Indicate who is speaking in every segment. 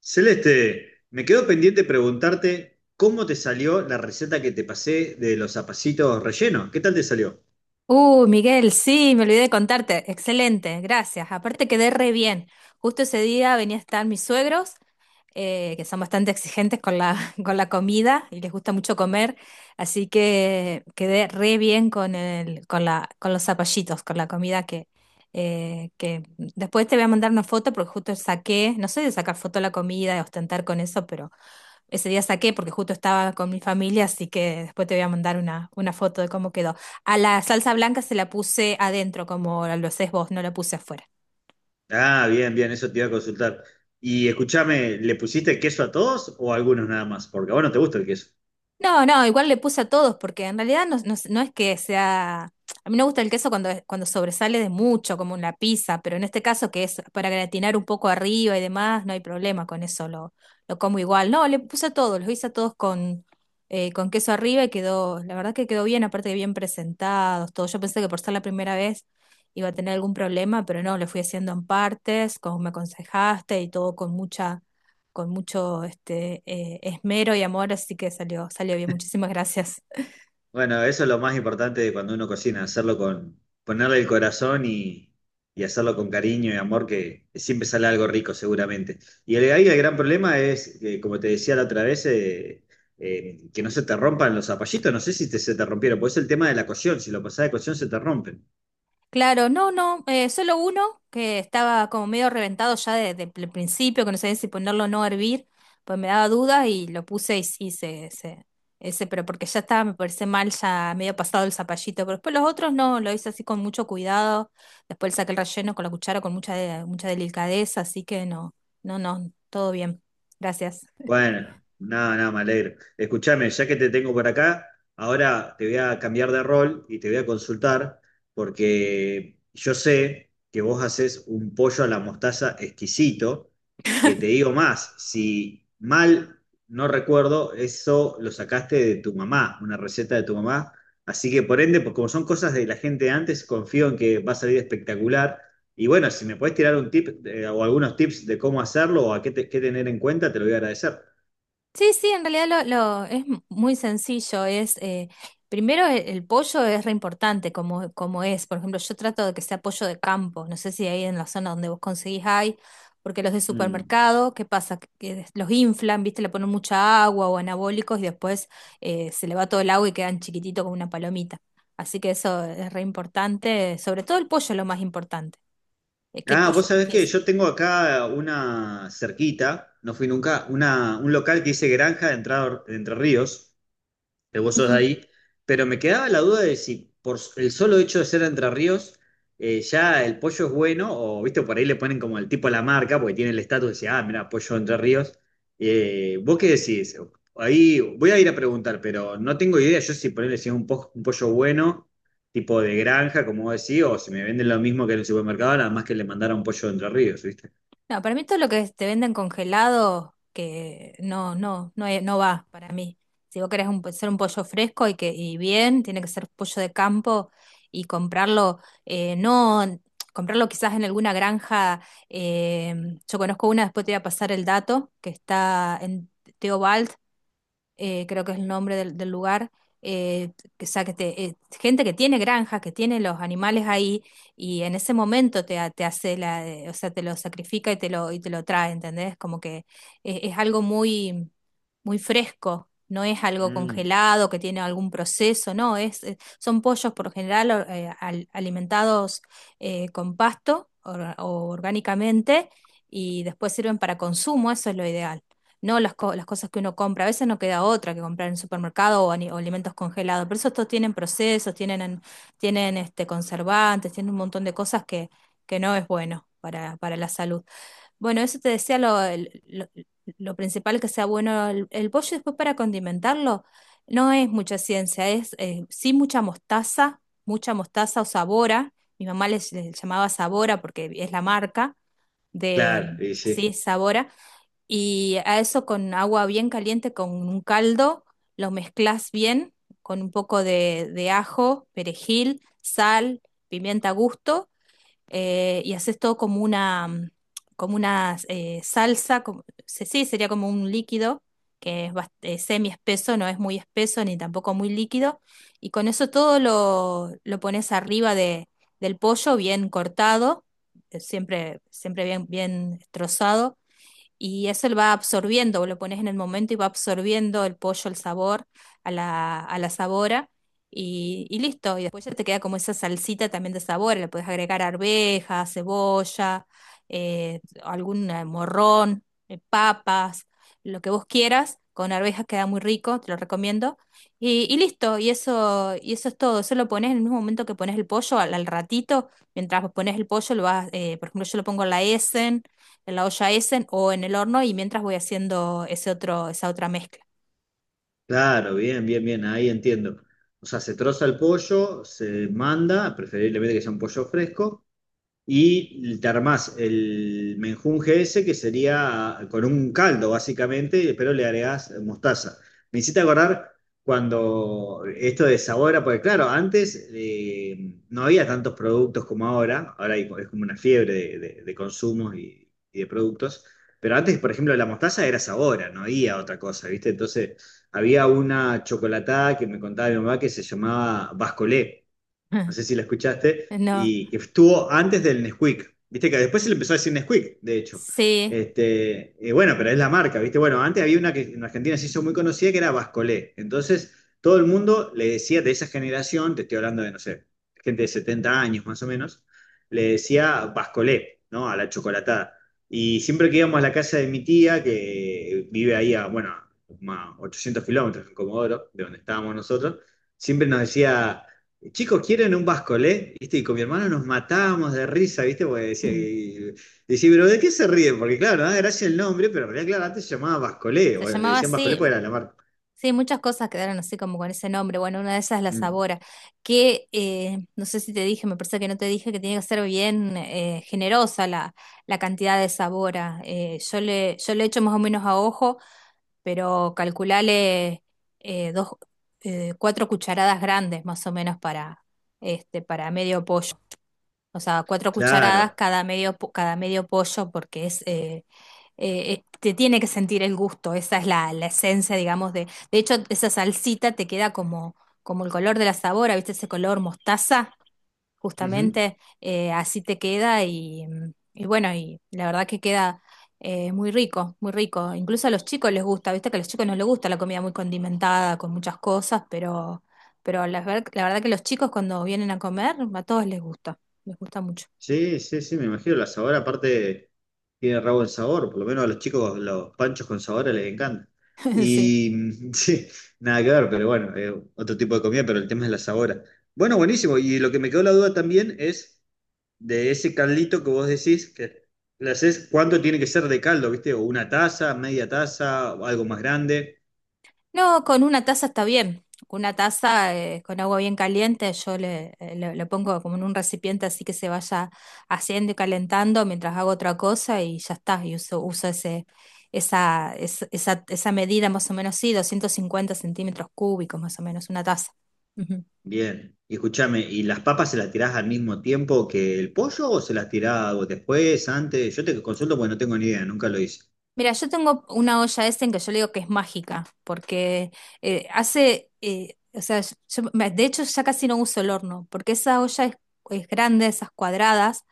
Speaker 1: Celeste, me quedó pendiente preguntarte cómo te salió la receta que te pasé de los zapacitos rellenos. ¿Qué tal te salió?
Speaker 2: Miguel, sí, me olvidé de contarte. Excelente, gracias. Aparte quedé re bien. Justo ese día venía a estar mis suegros, que son bastante exigentes con la, con la comida y les gusta mucho comer, así que quedé re bien con el, con la, con los zapallitos, con la comida que después te voy a mandar una foto porque justo saqué, no soy de sacar foto de la comida, de ostentar con eso, pero ese día saqué porque justo estaba con mi familia, así que después te voy a mandar una foto de cómo quedó. A la salsa blanca se la puse adentro, como lo haces vos, no la puse afuera.
Speaker 1: Ah, bien, bien, eso te iba a consultar. Y escúchame, ¿le pusiste queso a todos o a algunos nada más? Porque a vos no te gusta el queso.
Speaker 2: No, no, igual le puse a todos, porque en realidad no, no es que sea. A mí me gusta el queso cuando, cuando sobresale de mucho, como en la pizza, pero en este caso que es para gratinar un poco arriba y demás, no hay problema con eso, lo como igual. No, le puse a todos, los hice a todos con queso arriba y quedó, la verdad que quedó bien, aparte que bien presentados, todo. Yo pensé que por ser la primera vez iba a tener algún problema, pero no, le fui haciendo en partes, como me aconsejaste y todo con mucha con mucho esmero y amor, así que salió, salió bien. Muchísimas gracias.
Speaker 1: Bueno, eso es lo más importante de cuando uno cocina, hacerlo con, ponerle el corazón y hacerlo con cariño y amor, que siempre sale algo rico seguramente. Y el, ahí el gran problema es, que, como te decía la otra vez, que no se te rompan los zapallitos, no sé si te- se te rompieron, pues es el tema de la cocción, si lo pasás de cocción se te rompen.
Speaker 2: Claro, no, no, solo uno que estaba como medio reventado ya desde el principio, que no sabía si ponerlo o no a hervir, pues me daba dudas y lo puse y sí, ese, pero porque ya estaba, me parece mal, ya medio pasado el zapallito, pero después los otros no, lo hice así con mucho cuidado, después le saqué el relleno con la cuchara con mucha delicadeza, así que no, no, no, todo bien. Gracias.
Speaker 1: Bueno, nada, nada, me alegro. Escúchame, ya que te tengo por acá, ahora te voy a cambiar de rol y te voy a consultar, porque yo sé que vos haces un pollo a la mostaza exquisito, que te digo más, si mal no recuerdo, eso lo sacaste de tu mamá, una receta de tu mamá. Así que por ende, pues como son cosas de la gente de antes, confío en que va a salir espectacular. Y bueno, si me podés tirar un tip o algunos tips de cómo hacerlo o a qué, te- qué tener en cuenta, te lo voy a agradecer.
Speaker 2: Sí, sí, en realidad es muy sencillo. Es primero el pollo es re importante como, como es. Por ejemplo, yo trato de que sea pollo de campo. No sé si ahí en la zona donde vos conseguís hay, porque los de
Speaker 1: Mm.
Speaker 2: supermercado, ¿qué pasa? Los inflan, ¿viste? Le ponen mucha agua o anabólicos y después se le va todo el agua y quedan chiquititos como una palomita. Así que eso es re importante. Sobre todo el pollo es lo más importante. ¿Qué
Speaker 1: Ah,
Speaker 2: pollo
Speaker 1: vos sabés que
Speaker 2: elegís?
Speaker 1: yo tengo acá una cerquita, no fui nunca, una, un local que dice Granja de Entrado- de Entre Ríos, que vos sos de ahí, pero me quedaba la duda de si por s- el solo hecho de ser de Entre Ríos, ya el pollo es bueno, o viste, por ahí le ponen como el tipo a la marca, porque tiene el estatus de decir, ah, mira, pollo de Entre Ríos. ¿Vos qué decís? Ahí voy a ir a preguntar, pero no tengo idea yo si ponerle si es un, po- un pollo bueno, tipo de granja, como vos decís, o si me venden lo mismo que en el supermercado, nada más que le mandara un pollo de Entre Ríos, ¿viste?
Speaker 2: No, para mí todo lo que te venden congelado, que no, no, no, no va para mí. Si vos querés hacer un pollo fresco y que y bien, tiene que ser pollo de campo y comprarlo, no, comprarlo quizás en alguna granja. eh, yo conozco una, después te voy a pasar el dato, que está en Teobal, creo que es el nombre del, del lugar, eh, que, o sea, gente que tiene granjas, que tiene los animales ahí, y en ese momento te, ha- te hace la, o sea, te lo sacrifica y te lo trae, ¿entendés? Como que es algo muy, muy fresco. No es algo
Speaker 1: Mm,
Speaker 2: congelado que tiene algún proceso, no, es, son pollos por lo general alimentados con pasto o orgánicamente y después sirven para consumo, eso es lo ideal no las cosas que uno compra. A veces no queda otra que comprar en supermercado o alimentos congelados, pero esos todos tienen procesos, tienen este, conservantes, tienen un montón de cosas que no es bueno para la salud. Bueno, eso te decía lo principal que sea bueno el pollo. Después para condimentarlo, no es mucha ciencia, es sí mucha mostaza o sabora. Mi mamá les, les llamaba sabora porque es la marca de,
Speaker 1: claro, y sí.
Speaker 2: sí, sabora y a eso con agua bien caliente, con un caldo, lo mezclas bien, con un poco de ajo, perejil, sal, pimienta a gusto, y haces todo como una, como una salsa, sí, sería como un líquido que es semi espeso, no es muy espeso ni tampoco muy líquido, y con eso todo lo pones arriba de, del pollo bien cortado, siempre, siempre bien, bien trozado y eso lo va absorbiendo, lo pones en el momento y va absorbiendo el pollo, el sabor, a la sabora y listo. Y después ya te queda como esa salsita también de sabor, le puedes agregar arveja, cebolla, algún morrón, papas, lo que vos quieras. Con arvejas queda muy rico, te lo recomiendo. Y listo, y eso es todo. Eso lo pones en el mismo momento que pones el pollo, al, al ratito, mientras pones el pollo, lo vas, por ejemplo, yo lo pongo a la Essen en la olla Essen o en el horno y mientras voy haciendo ese otro, esa otra mezcla.
Speaker 1: Claro, bien, bien, bien, ahí entiendo. O sea, se troza el pollo, se manda, preferiblemente que sea un pollo fresco, y te armás el menjunje ese, que sería con un caldo, básicamente, pero le agregás mostaza. Me hiciste acordar cuando esto de sabora porque claro, antes no había tantos productos como ahora, ahora hay- es como una fiebre de, de consumos y de productos, pero antes, por ejemplo, la mostaza era sabora, no había otra cosa, ¿viste? Entonces, había una chocolatada que me contaba mi mamá que se llamaba Bascolé, no sé si la escuchaste,
Speaker 2: No,
Speaker 1: y que estuvo antes del Nesquik. Viste que después se le empezó a decir Nesquik, de hecho.
Speaker 2: sí,
Speaker 1: Este, bueno, pero es la marca, ¿viste? Bueno, antes había una que en Argentina se hizo muy conocida que era Bascolé. Entonces, todo el mundo le decía de esa generación, te estoy hablando de, no sé, gente de 70 años más o menos, le decía Bascolé, ¿no? A la chocolatada. Y siempre que íbamos a la casa de mi tía, que vive ahí a, bueno, a 800 kilómetros en Comodoro, de donde estábamos nosotros, siempre nos decía, Chicos, ¿quieren un bascolé? ¿Viste? Y con mi hermano nos matábamos de risa, ¿viste? Porque decía, decía, pero ¿de qué se ríen? Porque claro, no da gracia el nombre, pero en realidad, claro, antes se llamaba bascolé,
Speaker 2: se
Speaker 1: o le
Speaker 2: llamaba
Speaker 1: decían bascolé
Speaker 2: así.
Speaker 1: porque era la marca.
Speaker 2: Sí, muchas cosas quedaron así como con ese nombre. Bueno, una de esas es la
Speaker 1: Mm,
Speaker 2: Sabora, que no sé si te dije, me parece que no te dije que tiene que ser bien generosa la, la cantidad de Sabora. Yo le, yo le echo más o menos a ojo, pero calculale eh, dos, cuatro cucharadas grandes más o menos para, este, para medio pollo. O sea, cuatro cucharadas
Speaker 1: claro.
Speaker 2: cada medio, cada medio pollo porque es, te tiene que sentir el gusto, esa es la, la esencia, digamos, de... De hecho, esa salsita te queda como, como el color de la sabora, ¿viste ese color mostaza?
Speaker 1: Ujú.
Speaker 2: Justamente así te queda y, y bueno, y la verdad que queda muy rico, muy rico. Incluso a los chicos les gusta, viste que a los chicos no les gusta la comida muy condimentada, con muchas cosas, pero, pero la verdad que los chicos cuando vienen a comer, a todos les gusta mucho.
Speaker 1: Sí, sí, sí, me imagino. La sabor aparte tiene rabo en sabor, por lo menos a los chicos los panchos con sabor les encanta.
Speaker 2: Sí.
Speaker 1: Y mm, sí, nada que ver, pero bueno, otro tipo de comida, pero el tema es la sabora. Bueno, buenísimo. Y lo que me quedó la duda también es de ese caldito que vos decís que le haces, ¿cuánto tiene que ser de caldo, viste? O una taza, media taza, o algo más grande.
Speaker 2: No, con una taza está bien. Una taza con agua bien caliente, yo le, le pongo como en un recipiente así que se vaya haciendo y calentando mientras hago otra cosa y ya está. Y uso, uso ese, esa, es- esa medida más o menos, sí, 250 cm³ más o menos, una taza. Ujú.
Speaker 1: Bien. Y escúchame, ¿y las papas se las tirás al mismo tiempo que el pollo o se las tirás después, antes? Yo te consulto porque no tengo ni idea, nunca lo hice.
Speaker 2: Mira, yo tengo una olla en que yo le digo que es mágica, porque o sea, de hecho ya casi no uso el horno, porque esa olla es grande, esas cuadradas.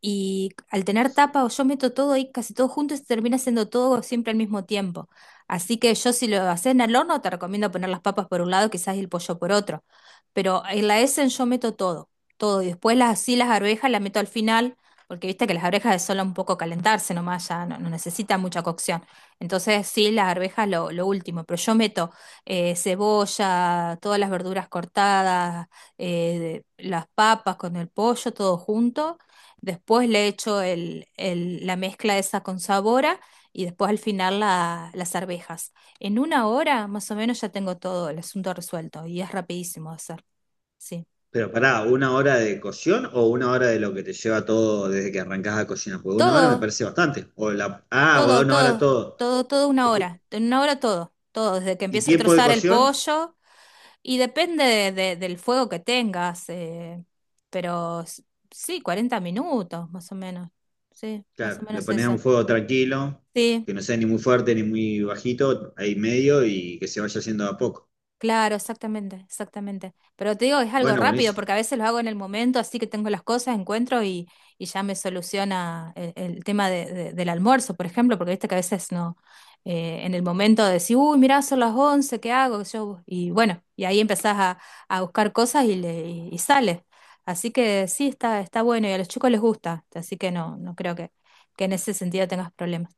Speaker 2: Y al tener tapa o yo meto todo ahí, casi todo junto, y se termina haciendo todo siempre al mismo tiempo. Así que yo si lo haces en el horno, te recomiendo poner las papas por un lado, quizás el pollo por otro. Pero en la Essen yo meto todo, todo. Y después las, así las arvejas las meto al final, porque viste que las arvejas es solo un poco calentarse nomás, ya no, no necesita mucha cocción. Entonces sí, las arvejas lo último. Pero yo meto cebolla, todas las verduras cortadas, las papas con el pollo, todo junto. Después le echo la mezcla esa con sabora y después al final las arvejas. En una hora más o menos ya tengo todo el asunto resuelto y es rapidísimo de hacer. Sí.
Speaker 1: Pero pará, ¿una hora de cocción o una hora de lo que te lleva todo desde que arrancás a cocinar? Porque una hora me
Speaker 2: Todo,
Speaker 1: parece bastante. O la, ah, o
Speaker 2: todo,
Speaker 1: una hora
Speaker 2: todo,
Speaker 1: todo.
Speaker 2: todo, todo una
Speaker 1: Escu-
Speaker 2: hora. En una hora todo, todo, desde que
Speaker 1: ¿Y
Speaker 2: empiezo a
Speaker 1: tiempo de
Speaker 2: trozar el
Speaker 1: cocción?
Speaker 2: pollo y depende del fuego que tengas, pero sí, 40 minutos más o menos. Sí, más o
Speaker 1: Claro, le
Speaker 2: menos
Speaker 1: pones a un
Speaker 2: eso.
Speaker 1: fuego tranquilo,
Speaker 2: Sí.
Speaker 1: que no sea ni muy fuerte ni muy bajito, ahí medio y que se vaya haciendo de a poco.
Speaker 2: Claro, exactamente, exactamente. Pero te digo, es algo
Speaker 1: Bueno,
Speaker 2: rápido
Speaker 1: buenísimo.
Speaker 2: porque a veces lo hago en el momento, así que tengo las cosas, encuentro y ya me soluciona el tema del almuerzo, por ejemplo, porque viste que a veces no, en el momento de decir, uy, mirá, son las 11, ¿qué hago? Yo, y bueno, y ahí empezás a buscar cosas y, le, y sale. Así que sí, está, está bueno y a los chicos les gusta, así que no, no creo que en ese sentido tengas problemas.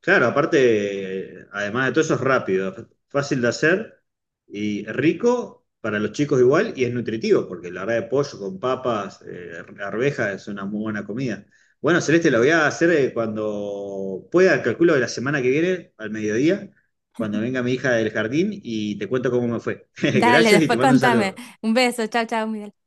Speaker 1: Claro, aparte, además de todo eso es rápido, f- fácil de hacer y rico para los chicos igual y es nutritivo, porque la verdad de pollo con papas, arvejas es una muy buena comida. Bueno, Celeste, lo voy a hacer cuando pueda, calculo de la semana que viene, al mediodía, cuando venga mi hija del jardín y te cuento cómo me fue.
Speaker 2: Dale,
Speaker 1: Gracias y te
Speaker 2: después
Speaker 1: mando un
Speaker 2: contame.
Speaker 1: saludo.
Speaker 2: Un beso, chao, chao, Miguel.